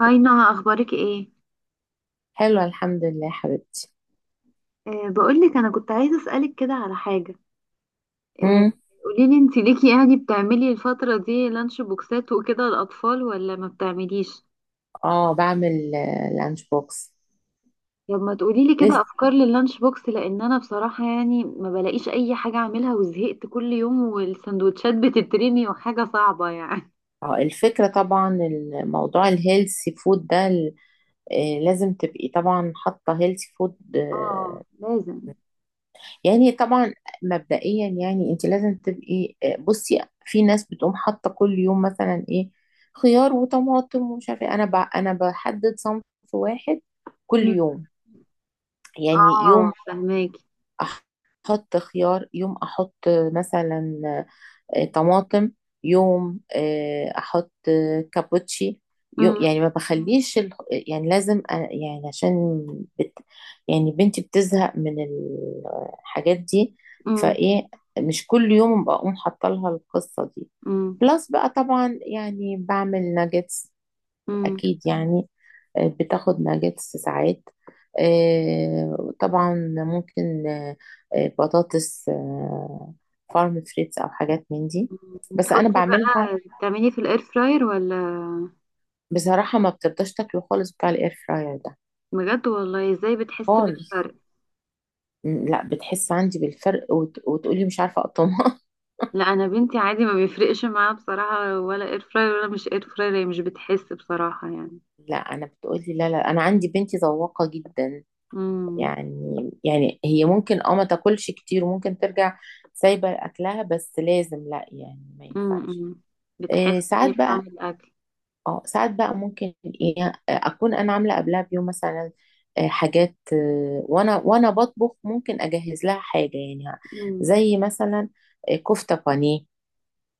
هاي نهى، اخبارك ايه؟ حلوة الحمد لله يا حبيبتي. بقولك انا كنت عايزه اسالك كده على حاجه. أه. مم. قوليلي، انت ليكي يعني بتعملي الفتره دي لانش بوكسات وكده للاطفال ولا ما بتعمليش؟ اه، بعمل لانش بوكس. طب ما تقوليلي كده لسه. افكار لللانش بوكس، لان انا بصراحه يعني ما بلاقيش اي حاجه اعملها وزهقت، كل يوم والسندوتشات بتترمي وحاجه صعبه يعني. اه، الفكرة طبعا الموضوع الهيلثي فود ده لازم تبقي طبعا حاطة هيلثي فود. اه، لازم. يعني طبعا، مبدئيا يعني انت لازم تبقي. بصي، في ناس بتقوم حاطة كل يوم مثلا ايه، خيار وطماطم ومش عارفة ايه. انا بحدد صنف واحد كل مم. يوم. يعني اه، يوم فهماكي. احط خيار، يوم احط مثلا طماطم، يوم احط كابوتشي. مم. يعني ما بخليش يعني لازم يعني عشان بت... يعني بنتي بتزهق من الحاجات دي. مم. فايه، مش كل يوم بقوم حاطه لها القصه دي. مم. بلس بقى، طبعا يعني بعمل ناجتس مم. اكيد يعني. بتاخد ناجتس ساعات. طبعا، ممكن بطاطس، فارم فريتس او حاجات من دي بس انا تحطي بعملها. بقى، تعملي في الاير فراير ولا؟ بصراحه ما بترضاش تاكله خالص بتاع الاير فراير ده، بجد والله؟ ازاي بتحس خالص. بالفرق؟ لا، بتحس عندي بالفرق وتقولي مش عارفه اقطمها. لا، انا بنتي عادي ما بيفرقش معاها بصراحة، ولا اير فراير ولا مش اير فراير، هي مش بتحس بصراحة يعني. لا، انا بتقولي لا، لا، انا عندي بنتي ذواقه جدا. امم. يعني هي ممكن اه ما تاكلش كتير وممكن ترجع سايبه اكلها، بس لازم، لا يعني ما ينفعش. امم. بتحس إيه، يعني ساعات بطعم بقى. الاكل؟ اه، ساعات بقى ممكن ايه، اكون انا عامله قبلها بيوم مثلا حاجات، وانا بطبخ ممكن اجهز لها حاجه يعني، امم. زي مثلا كفته بانيه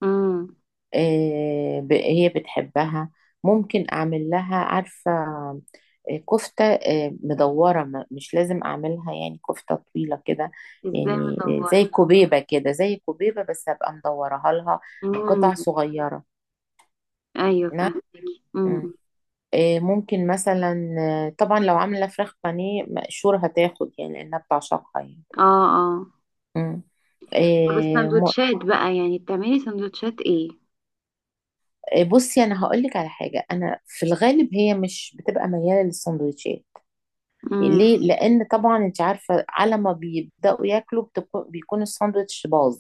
امم. آه، هي بتحبها. ممكن اعمل لها، عارفه، كفته مدوره، مش لازم اعملها يعني كفته طويله كده. ازاي يعني مدورة؟ زي كوبيبه كده، زي كوبيبه، بس هبقى مدورها لها امم. قطع صغيره. ايوه، نعم. فاهمك. امم. ممكن مثلا طبعا لو عاملة فراخ بانيه مقشور هتاخد يعني، لأنها بتعشقها يعني. اه. اه. مم. طب آه، م- السندوتشات بقى، يعني بتعملي سندوتشات ايه؟ بصي، أنا هقولك على حاجة. أنا في الغالب هي مش بتبقى ميالة للسندوتشات. امم. ليه؟ لأن طبعا أنت عارفة على ما بيبدأوا ياكلوا بيكون الساندوتش باظ.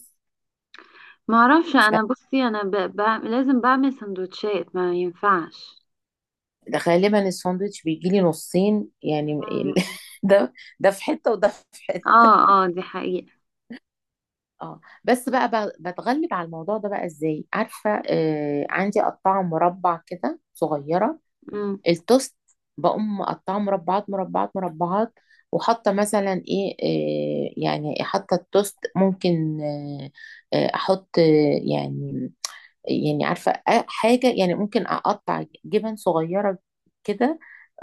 ما اعرفش، انا بصي انا لازم بعمل سندوتشات، ما ينفعش. فغالبا الساندوتش بيجيلي نصين يعني. امم. ده ده في حتة وده في حتة. اه، اه، دي حقيقة. اه، بس بقى بتغلب على الموضوع ده بقى ازاي؟ عارفه، آه، عندي قطعه مربع كده صغيره، التوست، بقوم مقطعه مربعات مربعات مربعات، وحاطه مثلا ايه، آه يعني، حاطه التوست ممكن آه، احط آه، يعني عارفة، حاجة يعني ممكن أقطع جبن صغيرة كده،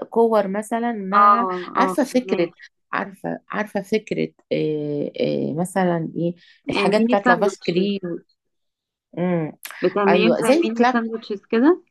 كور مثلا، مع، اه، اه، عارفة فهماك. فكرة، عارفة فكرة إيه، إيه مثلا إيه، الحاجات ميني بتاعت لافاش ساندوتشز. كريم. مم. بتعمليهم أيوة، زي زي ميني الكلاب، ساندوتشز كده؟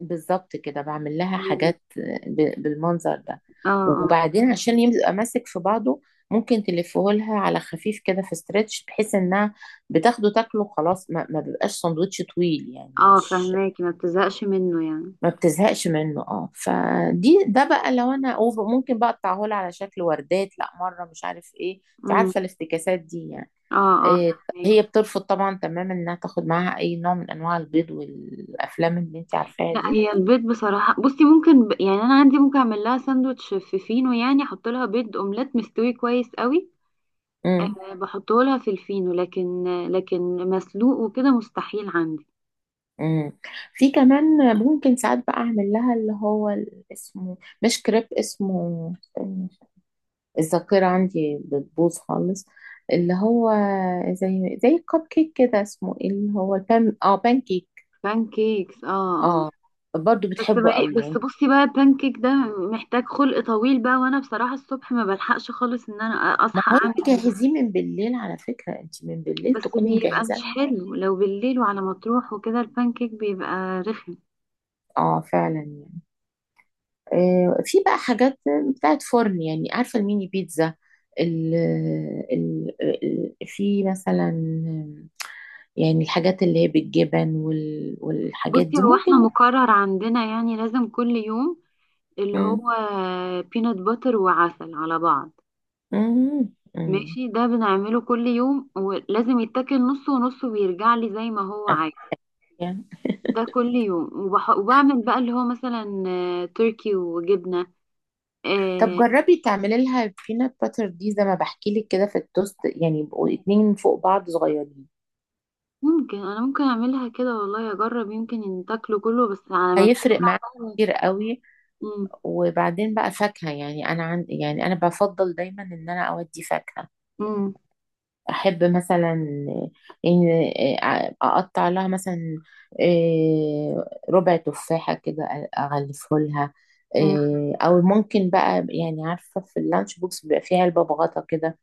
بالظبط كده بعمل لها مم. حاجات بالمنظر ده. اه، اه، وبعدين عشان يبقى ماسك في بعضه، ممكن تلفه لها على خفيف كده في استرتش، بحيث انها بتاخده تاكله خلاص، ما بيبقاش سندوتش طويل يعني، اه، مش فهماكي. ما بتزهقش منه يعني. ما بتزهقش منه. اه، فدي ده بقى لو انا أوفر، ممكن بقى اقطعهولها على شكل وردات لا مره مش عارف ايه. انت امم. عارفه الافتكاسات دي يعني. اه، اه، إيه. هي فهماكي. بترفض طبعا تماما انها تاخد معاها اي نوع من انواع البيض والافلام اللي انت عارفاها لا، دي. هي البيض بصراحة بصي، ممكن يعني انا عندي، ممكن اعمل لها ساندوتش في فينو، يعني احط لها بيض اومليت مستوي كويس قوي. امم. بحطه لها في الفينو، لكن مسلوق وكده مستحيل عندي. امم. في كمان ممكن ساعات بقى اعمل لها اللي هو اسمه مش كريب، اسمه، استني، الذاكره عندي بتبوظ خالص، اللي هو زي الكب كيك كده، اسمه ايه اللي هو البان. اه، بان كيك. بانكيكس. اه. اه. اه، برضو بس بتحبه مالي، قوي بس يعني. بصي بقى البانكيك ده محتاج خلق طويل بقى، وانا بصراحة الصبح ما بلحقش خالص ان انا ما اصحى هو انت اعمل. جهزيه من بالليل على فكرة، انت من بالليل بس تكوني بيبقى مجهزة مش لها. حلو لو بالليل، وعلى ما تروح وكده البانكيك بيبقى رخم. اه فعلا يعني. في بقى حاجات بتاعت فرن، يعني عارفة الميني بيتزا، ال في مثلا، يعني الحاجات اللي هي بالجبن والحاجات بصي دي هو احنا ممكن. مقرر عندنا يعني لازم كل يوم اللي مم. هو بينات باتر وعسل على بعض. مم. مم. ماشي، ده بنعمله كل يوم ولازم يتاكل نص ونص ويرجع لي زي ما هو عايز. يعني ده كل يوم وبعمل بقى اللي هو مثلا تركي وجبنة. طب آه، جربي تعملي لها بينات باتر دي زي ما بحكي لك كده في التوست، يعني يبقوا اتنين فوق بعض صغيرين، ممكن انا ممكن اعملها كده والله، اجرب يمكن ان تاكله كله، بس على ما هيفرق بترجع معاك بقى. كتير قوي. امم. وبعدين بقى فاكهة يعني، أنا يعني أنا بفضل دايما إن أنا أودي فاكهة. امم. أحب مثلا إن أقطع لها مثلا إيه، ربع تفاحة كده أغلفه لها أمم. إيه، أو ممكن بقى يعني، عارفة في اللانش بوكس بيبقى فيها علبة بغطا كده،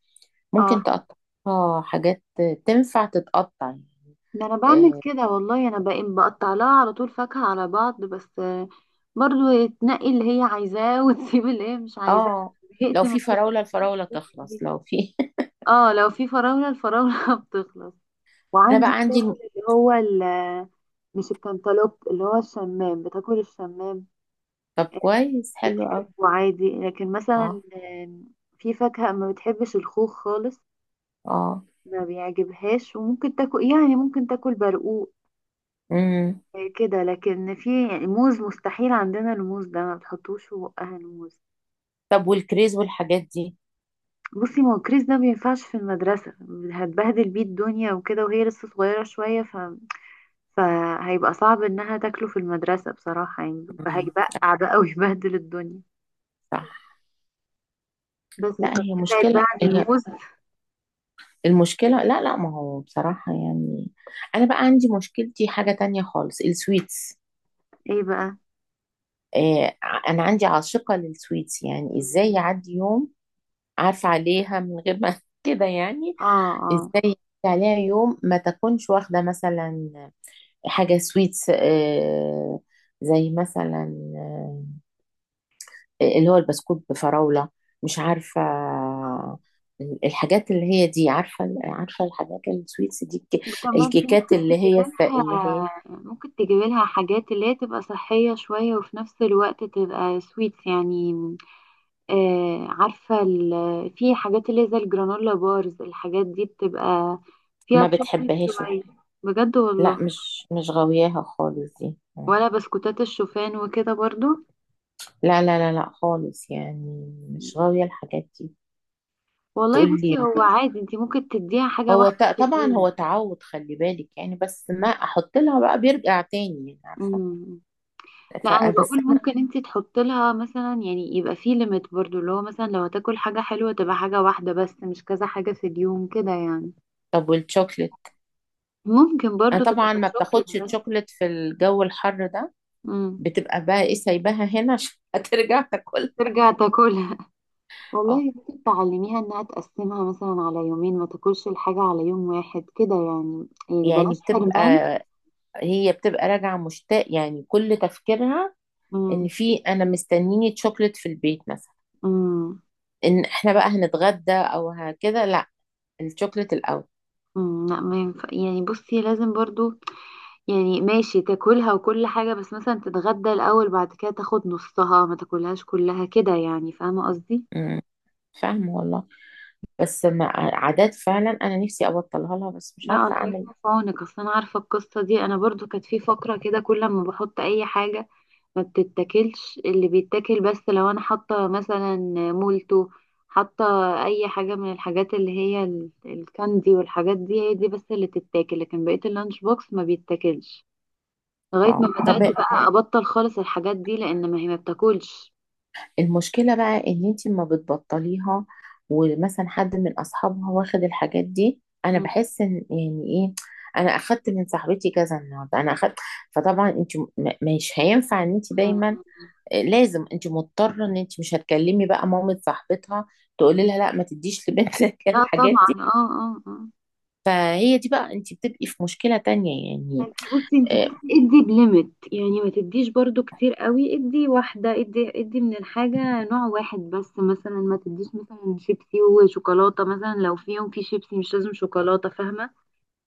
اه، ممكن تقطعها حاجات تنفع تتقطع يعني ده انا بعمل إيه. كده والله، انا بقطع لها على طول فاكهة على بعض بس برضو تنقي اللي هي عايزاه وتسيب اللي هي مش عايزاه. اه، لو زهقت من في قصة فراولة اللانش الفراولة بوكس تخلص، دي. لو في اه، لو في فراولة، الفراولة بتخلص. انا بقى وعندي عندي، بتاكل اللي هو مش الكنتالوب اللي هو الشمام، بتاكل الشمام. طب آه، كويس حلو قوي. بتحبه عادي، لكن مثلا اه. في فاكهة ما بتحبش، الخوخ خالص اه. ما بيعجبهاش، وممكن تاكل يعني ممكن تاكل برقوق. امم. كده، لكن في يعني موز، مستحيل عندنا الموز ده، ما بتحطوش في بقها الموز. طب والكريز والحاجات دي. بصي ما هو كريس ده ما ينفعش في المدرسة. هتبهدل بيه الدنيا وكده، وهي لسه صغيرة شوية فهيبقى صعب انها تاكله في المدرسة بصراحة يعني، امم. هيبقع بقى ويبهدل الدنيا. صح. بس لا هي فبعد بقى مشكلة، عن هي الموز. المشكلة، لا لا، ما هو بصراحة يعني، أنا بقى عندي مشكلتي حاجة تانية خالص، السويتس. ايه؟ أنا عندي عاشقة للسويتس. يعني بقى. إزاي يعدي يوم عارفة عليها من غير ما كده يعني. اه. اه. إزاي يعدي عليها يوم ما تكونش واخدة مثلا حاجة سويتس، زي مثلا اللي هو البسكوت بفراولة، مش عارفة الحاجات اللي هي دي، عارفة الحاجات السويتس دي، وكمان في الكيكات ممكن اللي تجيب هي اللي لها، هي ممكن تجيب لها حاجات اللي هي تبقى صحية شوية وفي نفس الوقت تبقى سويتس يعني. عارفة في حاجات اللي هي زي الجرانولا بارز، الحاجات دي بتبقى فيها ما تشوكلت بتحبهاش. شوية. بجد لا، والله؟ مش غاوياها خالص دي. ولا بسكوتات الشوفان وكده برضو؟ لا لا لا لا خالص، يعني مش غاوية الحاجات دي. تقول والله بصي، لي، هو عادي، انتي ممكن تديها حاجة هو واحدة في طبعا هو اليوم. تعود، خلي بالك يعني، بس ما احط لها بقى بيرجع تاني يعني عارفه. مم. لا، ف- انا بس بقول انا، ممكن انت تحط لها مثلا يعني يبقى في ليميت برضو، اللي هو مثلا لو هتاكل حاجة حلوة تبقى حاجة واحدة بس، مش كذا حاجة في اليوم كده يعني. طب والشوكليت، ممكن انا برضو تبقى طبعا ما شوكليت بتاخدش بس. الشوكليت في الجو الحر ده، امم. بتبقى بقى ايه سايباها هنا عشان هترجع مش تاكل. ترجع تاكلها؟ والله اه، ممكن تعلميها انها تقسمها مثلا على يومين، ما تاكلش الحاجة على يوم واحد كده يعني يعني بلاش بتبقى، حرمان. هي بتبقى راجعه مشتاق يعني، كل تفكيرها ان امم. في انا مستنيني تشوكلت في البيت مثلا، امم. ان احنا بقى هنتغدى او هكذا، لا الشوكلت الاول. أمم. لا، ما ينفع يعني، بصي لازم برضو، يعني ماشي تاكلها وكل حاجة، بس مثلا تتغدى الأول بعد كده تاخد نصها، ما تاكلهاش كلها كده يعني. فاهمة قصدي؟ امم. فاهمه والله، بس ما عادات فعلا، انا نفسي ابطلها لها بس مش لا، الله عارفه اعمل يكون إيه. في عونك، اصل انا عارفه القصه دي، انا برضو كانت في فقره كده كل ما بحط اي حاجه ما بتتاكلش، اللي بيتاكل بس لو انا حاطه مثلا مولتو، حاطه اي حاجه من الحاجات اللي هي الكاندي والحاجات دي، هي دي بس اللي تتاكل، لكن بقيه اللانش بوكس ما بيتاكلش لغايه ما اه طب، بدات بقى ابطل خالص الحاجات دي، لان ما هي ما بتاكلش. المشكلة بقى ان انتي ما بتبطليها، ومثلا حد من اصحابها واخد الحاجات دي، انا بحس ان يعني ايه، انا اخدت من صاحبتي كذا، النهارده انا اخدت، فطبعا انت مش هينفع ان انت دايما مم. آه، لازم انت مضطرة، ان انت مش هتكلمي بقى مامة صاحبتها تقولي لها لا ما تديش لبنتك لا الحاجات طبعا. دي. اه، اه، اه. فهي دي بقى، انت بتبقي في مشكلة تانية يعني. انت بصي، انت آه، ادي بليمت يعني، ما تديش برضو كتير قوي، ادي واحدة، ادي ادي من الحاجة نوع واحد بس، مثلا ما تديش مثلا شيبسي وشوكولاتة، مثلا لو في يوم في شيبسي مش لازم شوكولاتة، فاهمة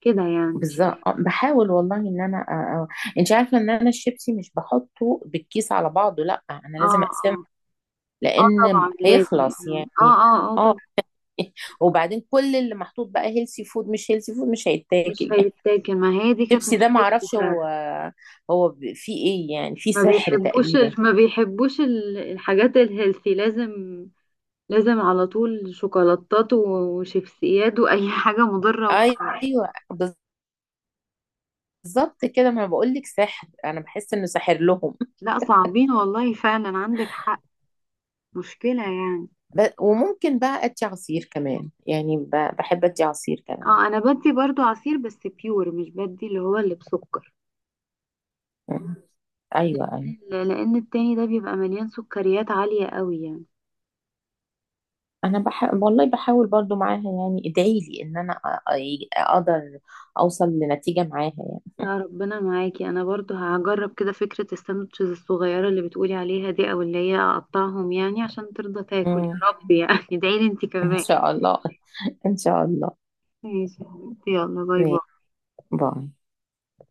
كده يعني. بالظبط. بحاول والله ان انا. انت عارفه ان انا الشيبسي مش بحطه بالكيس على بعضه، لا انا لازم اه، اقسمه اه، اه، لان طبعا لازم. هيخلص اه، اه، يعني. اه، اه، اه. طبعا. وبعدين كل اللي محطوط بقى هيلسي فود مش هيلسي فود مش مش هيتاكل يعني. هيتاكل، ما هي دي كانت الشيبسي ده ما مشكلتي اعرفش، فعلا. هو، فيه ايه يعني، فيه ما سحر بيحبوش ال- تقريبا. ما بيحبوش ال- الحاجات الهيلثي لازم، لازم على طول شوكولاتات وشيبسيات واي حاجه مضره وخلاص. ايوه، بالظبط كده، ما بقول لك سحر، انا بحس انه ساحر لهم. لا، صعبين والله، فعلا عندك حق. مشكله يعني. وممكن بقى ادي عصير كمان يعني، بحب ادي عصير كمان. اه، انا بدي برضو عصير، بس بيور مش بدي اللي هو اللي بسكر. ايوه، ايوه. لان التاني ده بيبقى مليان سكريات عاليه قوي يعني. انا والله بحاول برضو معاها يعني، ادعي لي ان انا اقدر اوصل لنتيجة معاها يعني. لا، ربنا معاكي، انا برضو هجرب كده فكره الساندوتشز الصغيره اللي بتقولي عليها دي، او اللي هي اقطعهم يعني، عشان ترضى تاكل مم. يا رب يعني. ادعيلي انت ان كمان. شاء الله. ان شاء الله. ماشي يا حبيبتي، يلا، باي ماشي. باي. باي.